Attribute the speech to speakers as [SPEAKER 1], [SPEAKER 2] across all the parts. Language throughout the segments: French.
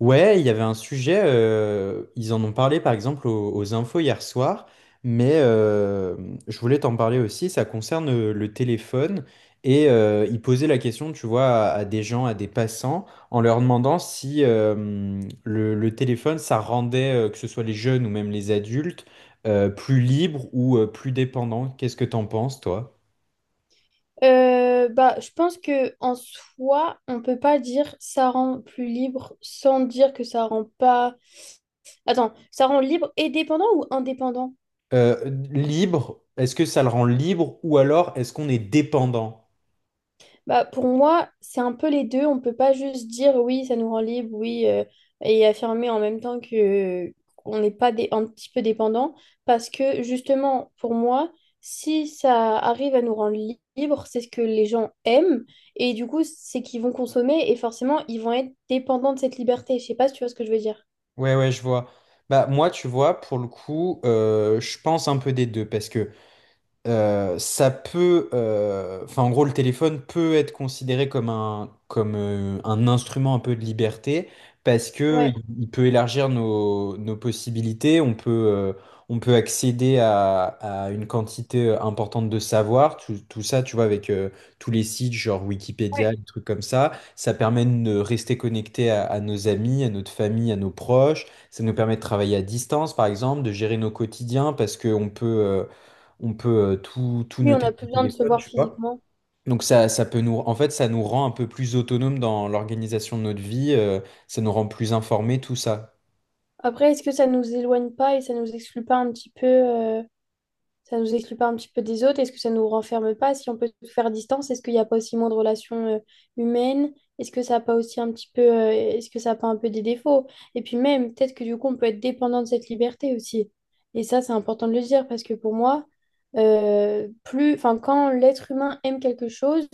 [SPEAKER 1] Ouais, il y avait un sujet, ils en ont parlé par exemple aux infos hier soir, mais je voulais t'en parler aussi, ça concerne le téléphone, et ils posaient la question, tu vois, à des gens, à des passants, en leur demandant si le téléphone, ça rendait, que ce soit les jeunes ou même les adultes, plus libres ou plus dépendants. Qu'est-ce que t'en penses, toi?
[SPEAKER 2] Bah, je pense que en soi, on peut pas dire ça rend plus libre sans dire que ça rend pas. Attends, ça rend libre et dépendant ou indépendant?
[SPEAKER 1] Euh, Libre, est-ce que ça le rend libre ou alors est-ce qu'on est dépendant?
[SPEAKER 2] Bah, pour moi, c'est un peu les deux. On peut pas juste dire oui, ça nous rend libre, oui, et affirmer en même temps que qu'on n'est pas un petit peu dépendant. Parce que justement, pour moi, si ça arrive à nous rendre libre, c'est ce que les gens aiment. Et du coup, c'est qu'ils vont consommer et forcément, ils vont être dépendants de cette liberté. Je sais pas si tu vois ce que je veux dire.
[SPEAKER 1] Ouais, ouais, je vois. Bah, moi, tu vois, pour le coup, je pense un peu des deux parce que ça peut, enfin en gros le téléphone peut être considéré comme un instrument un peu de liberté parce que
[SPEAKER 2] Ouais.
[SPEAKER 1] il peut élargir nos possibilités, on peut accéder à une quantité importante de savoir, tout ça tu vois avec tous les sites genre Wikipédia,
[SPEAKER 2] Ouais.
[SPEAKER 1] des trucs comme ça permet de rester connecté à nos amis, à notre famille, à nos proches, ça nous permet de travailler à distance par exemple, de gérer nos quotidiens parce que on peut tout
[SPEAKER 2] Oui, on
[SPEAKER 1] noter
[SPEAKER 2] a
[SPEAKER 1] sur
[SPEAKER 2] plus
[SPEAKER 1] le
[SPEAKER 2] besoin de se
[SPEAKER 1] téléphone,
[SPEAKER 2] voir
[SPEAKER 1] tu vois.
[SPEAKER 2] physiquement.
[SPEAKER 1] Donc ça peut nous, en fait, ça nous rend un peu plus autonomes dans l'organisation de notre vie, ça nous rend plus informés, tout ça.
[SPEAKER 2] Après, est-ce que ça nous éloigne pas et ça nous exclut pas un petit peu. Ça nous exclut pas un petit peu des autres? Est-ce que ça nous renferme pas? Si on peut tout faire à distance, est-ce qu'il n'y a pas aussi moins de relations humaines? Est-ce que ça n'a pas aussi un petit peu. Est-ce que ça n'a pas un peu des défauts? Et puis même, peut-être que du coup, on peut être dépendant de cette liberté aussi. Et ça, c'est important de le dire parce que pour moi, enfin, quand l'être humain aime quelque chose,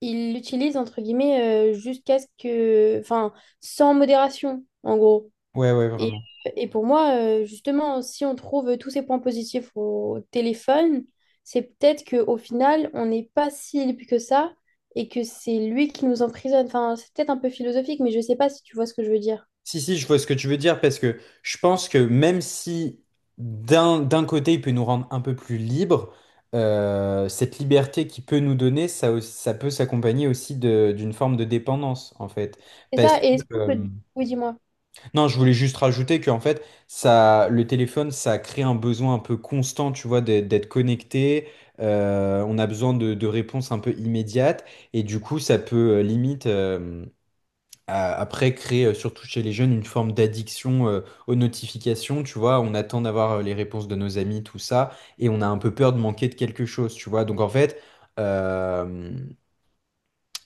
[SPEAKER 2] il l'utilise entre guillemets, jusqu'à ce que, enfin, sans modération, en gros.
[SPEAKER 1] Ouais, ouais,
[SPEAKER 2] Et,
[SPEAKER 1] vraiment.
[SPEAKER 2] et pour moi, justement, si on trouve tous ces points positifs au téléphone, c'est peut-être qu'au final, on n'est pas si libre que ça et que c'est lui qui nous emprisonne. Enfin, c'est peut-être un peu philosophique, mais je sais pas si tu vois ce que je veux dire.
[SPEAKER 1] Si, si, je vois ce que tu veux dire parce que je pense que même si d'un côté il peut nous rendre un peu plus libres, cette liberté qu'il peut nous donner, ça, ça peut s'accompagner aussi d'une forme de dépendance en fait.
[SPEAKER 2] C'est
[SPEAKER 1] Parce
[SPEAKER 2] ça,
[SPEAKER 1] que,
[SPEAKER 2] et est-ce qu'on peut. Oui, dis-moi.
[SPEAKER 1] non, je voulais juste rajouter qu'en fait, ça, le téléphone, ça crée un besoin un peu constant, tu vois, d'être connecté. On a besoin de réponses un peu immédiates. Et du coup, ça peut limite, après, créer, surtout chez les jeunes, une forme d'addiction aux notifications. Tu vois, on attend d'avoir les réponses de nos amis, tout ça. Et on a un peu peur de manquer de quelque chose, tu vois. Donc, en fait, euh,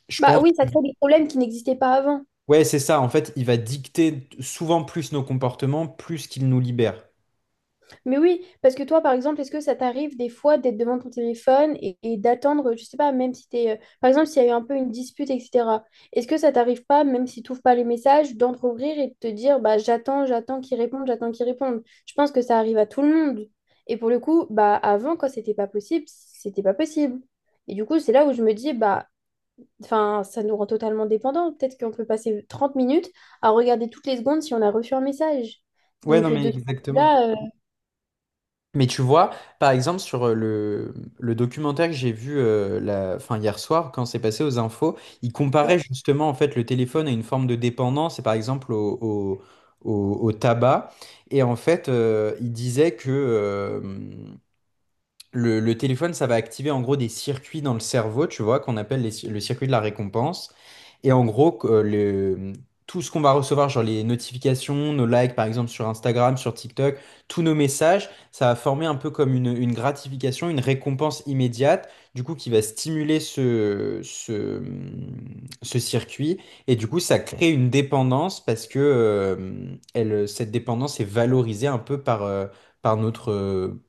[SPEAKER 1] je
[SPEAKER 2] Bah
[SPEAKER 1] pense...
[SPEAKER 2] oui, ça crée des problèmes qui n'existaient pas avant.
[SPEAKER 1] Ouais, c'est ça. En fait, il va dicter souvent plus nos comportements, plus qu'il nous libère.
[SPEAKER 2] Mais oui, parce que toi, par exemple, est-ce que ça t'arrive des fois d'être devant ton téléphone et d'attendre, je sais pas, même si t'es, par exemple, s'il y a eu un peu une dispute, etc. Est-ce que ça t'arrive pas, même si tu pas les messages, d'entrouvrir et de te dire, bah, j'attends, j'attends qu'ils répondent, j'attends qu'ils répondent. Je pense que ça arrive à tout le monde. Et pour le coup, bah, avant, quand c'était pas possible, c'était pas possible. Et du coup, c'est là où je me dis, bah, enfin, ça nous rend totalement dépendants. Peut-être qu'on peut passer 30 minutes à regarder toutes les secondes si on a reçu un message.
[SPEAKER 1] Ouais, non,
[SPEAKER 2] Donc,
[SPEAKER 1] mais
[SPEAKER 2] de ce point de
[SPEAKER 1] exactement.
[SPEAKER 2] vue-là,
[SPEAKER 1] Mais tu vois, par exemple, sur le documentaire que j'ai vu la, fin, hier soir, quand c'est passé aux infos, il comparait
[SPEAKER 2] ouais.
[SPEAKER 1] justement en fait le téléphone à une forme de dépendance, et par exemple au tabac. Et en fait, il disait que le téléphone, ça va activer en gros des circuits dans le cerveau, tu vois, qu'on appelle les le circuit de la récompense. Et en gros, que, tout ce qu'on va recevoir, genre les notifications, nos likes par exemple sur Instagram, sur TikTok, tous nos messages, ça va former un peu comme une gratification, une récompense immédiate, du coup qui va stimuler ce circuit. Et du coup, ça crée une dépendance parce que elle, cette dépendance est valorisée un peu par, par notre,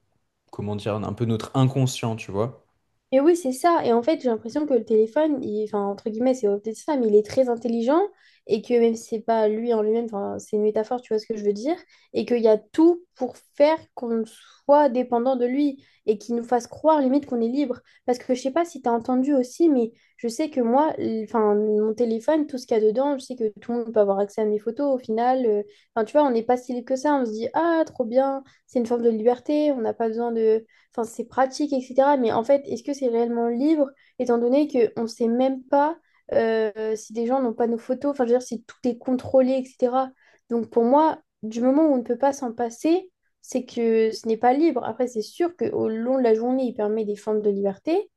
[SPEAKER 1] comment dire, un peu notre inconscient, tu vois.
[SPEAKER 2] Et oui, c'est ça. Et en fait, j'ai l'impression que le téléphone, enfin, entre guillemets, c'est peut-être ça, mais il est très intelligent et que même si c'est pas lui en lui-même, enfin, c'est une métaphore, tu vois ce que je veux dire, et qu'il y a tout pour faire qu'on soit dépendant de lui et qu'il nous fasse croire limite qu'on est libre. Parce que je sais pas si tu as entendu aussi, mais je sais que moi, enfin, mon téléphone, tout ce qu'il y a dedans, je sais que tout le monde peut avoir accès à mes photos au final. Enfin, tu vois, on n'est pas si libre que ça. On se dit, ah, trop bien, c'est une forme de liberté, on n'a pas besoin de, enfin, c'est pratique, etc. Mais en fait, est-ce que c'est réellement libre, étant donné qu'on ne sait même pas, si des gens n'ont pas nos photos, enfin, je veux dire, si tout est contrôlé, etc. Donc, pour moi, du moment où on ne peut pas s'en passer, c'est que ce n'est pas libre. Après, c'est sûr qu'au long de la journée, il permet des formes de liberté,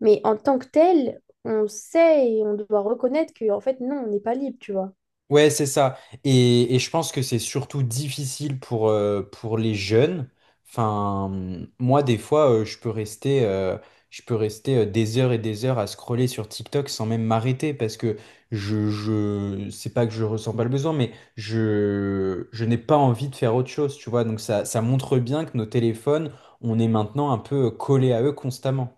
[SPEAKER 2] mais en tant que tel, on sait et on doit reconnaître que, en fait, non, on n'est pas libre, tu vois.
[SPEAKER 1] Ouais, c'est ça. Et je pense que c'est surtout difficile pour les jeunes. Enfin, moi, des fois, je peux rester des heures et des heures à scroller sur TikTok sans même m'arrêter parce que c'est pas que je ressens pas le besoin, mais je n'ai pas envie de faire autre chose, tu vois. Donc ça montre bien que nos téléphones, on est maintenant un peu collés à eux constamment.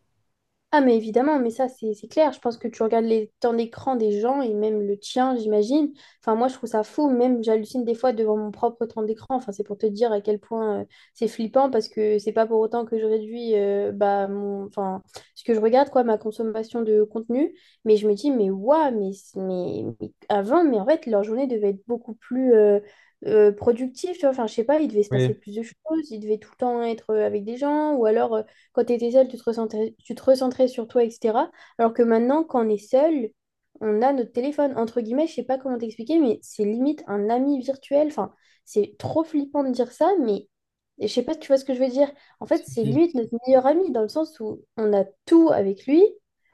[SPEAKER 2] Ah, mais évidemment, mais ça, c'est clair. Je pense que tu regardes les temps d'écran des gens et même le tien, j'imagine. Enfin, moi, je trouve ça fou. Même, j'hallucine des fois devant mon propre temps d'écran. Enfin, c'est pour te dire à quel point, c'est flippant parce que c'est pas pour autant que je réduis, enfin, ce que je regarde, quoi, ma consommation de contenu. Mais je me dis, mais waouh, mais avant, mais en fait, leur journée devait être beaucoup plus productive, tu vois. Enfin, je sais pas, il devait se passer
[SPEAKER 1] Oui,
[SPEAKER 2] plus de choses, ils devaient tout le temps être, avec des gens, ou alors quand tu étais seul, tu te recentrais sur toi, etc. Alors que maintenant, quand on est seul, on a notre téléphone. Entre guillemets, je sais pas comment t'expliquer, mais c'est limite un ami virtuel. Enfin, c'est trop flippant de dire ça, mais je sais pas si tu vois ce que je veux dire. En fait,
[SPEAKER 1] si,
[SPEAKER 2] c'est
[SPEAKER 1] si.
[SPEAKER 2] limite notre meilleur ami dans le sens où on a tout avec lui.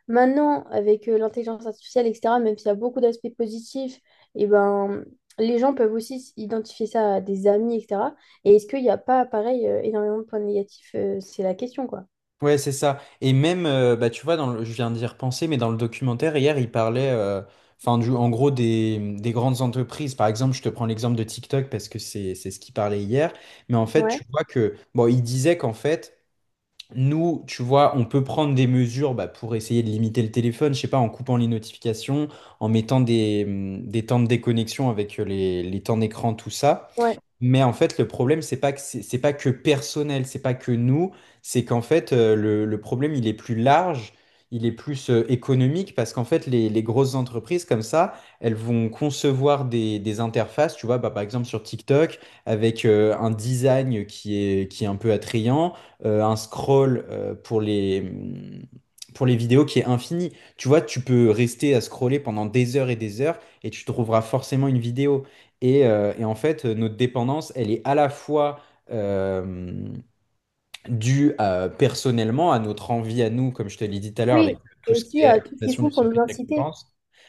[SPEAKER 2] Maintenant, avec, l'intelligence artificielle, etc., même s'il y a beaucoup d'aspects positifs, et ben, les gens peuvent aussi identifier ça à des amis, etc. Et est-ce qu'il n'y a pas, pareil, énormément de points négatifs? C'est la question, quoi.
[SPEAKER 1] Ouais, c'est ça. Et même, bah, tu vois, je viens d'y repenser, mais dans le documentaire, hier, il parlait, enfin, du, en gros, des grandes entreprises. Par exemple, je te prends l'exemple de TikTok parce que c'est ce qu'il parlait hier. Mais en fait, tu
[SPEAKER 2] Ouais,
[SPEAKER 1] vois que, bon, il disait qu'en fait, nous, tu vois, on peut prendre des mesures bah, pour essayer de limiter le téléphone, je sais pas, en coupant les notifications, en mettant des temps de déconnexion avec les temps d'écran, tout ça.
[SPEAKER 2] ouais.
[SPEAKER 1] Mais en fait, le problème, c'est pas que c'est pas que personnel, c'est pas que nous, c'est qu'en fait, le problème, il est plus large, il est plus économique, parce qu'en fait, les grosses entreprises comme ça, elles vont concevoir des interfaces, tu vois, bah, par exemple sur TikTok, avec un design qui est un peu attrayant, un scroll pour les, pour les vidéos qui est infini. Tu vois, tu peux rester à scroller pendant des heures, et tu trouveras forcément une vidéo. Et en fait, notre dépendance, elle est à la fois euh, personnellement à notre envie à nous, comme je te l'ai dit tout à l'heure, avec
[SPEAKER 2] Oui,
[SPEAKER 1] tout
[SPEAKER 2] et
[SPEAKER 1] ce qui
[SPEAKER 2] aussi,
[SPEAKER 1] est
[SPEAKER 2] tout ce qu'ils
[SPEAKER 1] activation du
[SPEAKER 2] font pour
[SPEAKER 1] circuit
[SPEAKER 2] nous
[SPEAKER 1] de
[SPEAKER 2] inciter.
[SPEAKER 1] récompense,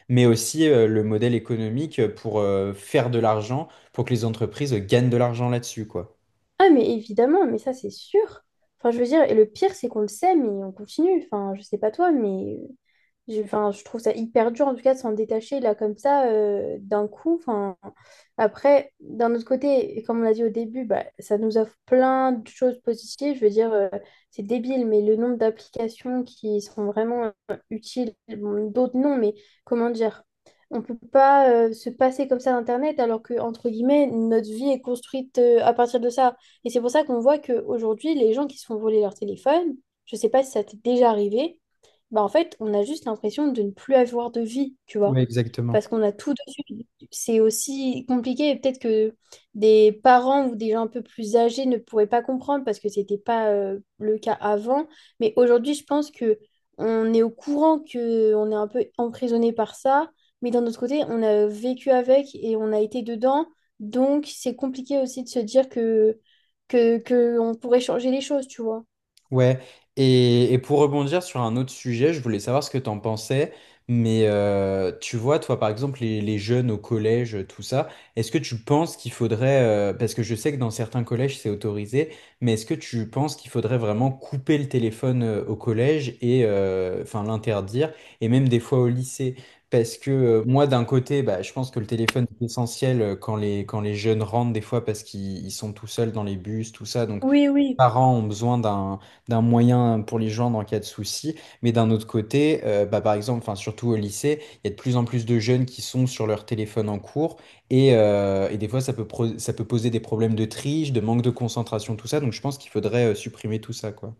[SPEAKER 1] mais aussi le modèle économique pour faire de l'argent, pour que les entreprises gagnent de l'argent là-dessus, quoi.
[SPEAKER 2] Ah, mais évidemment, mais ça, c'est sûr. Enfin, je veux dire, et le pire, c'est qu'on le sait, mais on continue. Enfin, je sais pas toi, mais enfin, je trouve ça hyper dur en tout cas de s'en détacher là comme ça, d'un coup. Enfin, après, d'un autre côté, et comme on l'a dit au début, bah, ça nous offre plein de choses positives. Je veux dire, c'est débile, mais le nombre d'applications qui sont vraiment utiles, bon, d'autres non, mais comment dire, on peut pas, se passer comme ça d'Internet alors que, entre guillemets, notre vie est construite, à partir de ça. Et c'est pour ça qu'on voit qu'aujourd'hui, les gens qui se font voler leur téléphone, je sais pas si ça t'est déjà arrivé. Bah en fait, on a juste l'impression de ne plus avoir de vie, tu
[SPEAKER 1] Oui,
[SPEAKER 2] vois,
[SPEAKER 1] exactement.
[SPEAKER 2] parce qu'on a tout dessus. C'est aussi compliqué et peut-être que des parents ou des gens un peu plus âgés ne pourraient pas comprendre parce que c'était pas, le cas avant. Mais aujourd'hui, je pense que on est au courant que on est un peu emprisonné par ça, mais d'un autre côté, on a vécu avec et on a été dedans, donc c'est compliqué aussi de se dire que on pourrait changer les choses, tu vois.
[SPEAKER 1] Ouais, et pour rebondir sur un autre sujet, je voulais savoir ce que t'en pensais, mais tu vois, toi par exemple, les jeunes au collège, tout ça, est-ce que tu penses qu'il faudrait, parce que je sais que dans certains collèges c'est autorisé, mais est-ce que tu penses qu'il faudrait vraiment couper le téléphone au collège et enfin l'interdire, et même des fois au lycée? Parce que moi d'un côté, bah, je pense que le téléphone est essentiel quand les jeunes rentrent des fois parce qu'ils sont tout seuls dans les bus, tout ça, donc
[SPEAKER 2] Oui, oui.
[SPEAKER 1] parents ont besoin d'un d'un moyen pour les joindre en cas de souci, mais d'un autre côté, bah, par exemple, enfin surtout au lycée, il y a de plus en plus de jeunes qui sont sur leur téléphone en cours et des fois ça peut ça peut poser des problèmes de triche, de manque de concentration, tout ça. Donc je pense qu'il faudrait supprimer tout ça, quoi.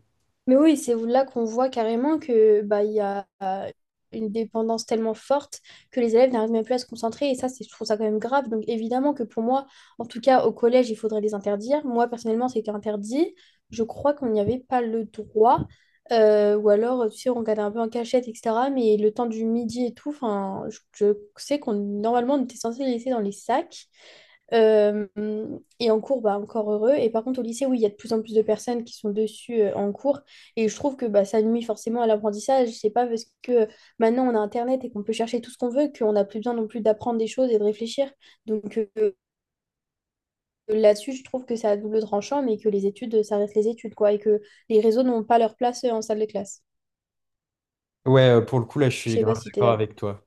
[SPEAKER 2] Mais oui, c'est là qu'on voit carrément que bah, il y a, une dépendance tellement forte que les élèves n'arrivent même plus à se concentrer. Et ça, c'est, je trouve ça quand même grave. Donc évidemment que pour moi, en tout cas au collège, il faudrait les interdire. Moi, personnellement, c'était interdit. Je crois qu'on n'y avait pas le droit. Ou alors, tu sais, on regardait un peu en cachette, etc. Mais le temps du midi et tout, enfin, je sais qu'on normalement on était censé les laisser dans les sacs. Euh, et en cours, bah, encore heureux. Et par contre, au lycée, oui, il y a de plus en plus de personnes qui sont dessus, en cours. Et je trouve que bah, ça nuit forcément à l'apprentissage. C'est pas parce que, maintenant on a Internet et qu'on peut chercher tout ce qu'on veut qu'on n'a plus besoin non plus d'apprendre des choses et de réfléchir. Donc, là-dessus, je trouve que ça a double tranchant, mais que les études, ça reste les études, quoi. Et que les réseaux n'ont pas leur place, en salle de classe.
[SPEAKER 1] Ouais, pour le coup là, je
[SPEAKER 2] Je
[SPEAKER 1] suis
[SPEAKER 2] sais pas
[SPEAKER 1] grave
[SPEAKER 2] si tu es
[SPEAKER 1] d'accord
[SPEAKER 2] d'accord.
[SPEAKER 1] avec toi.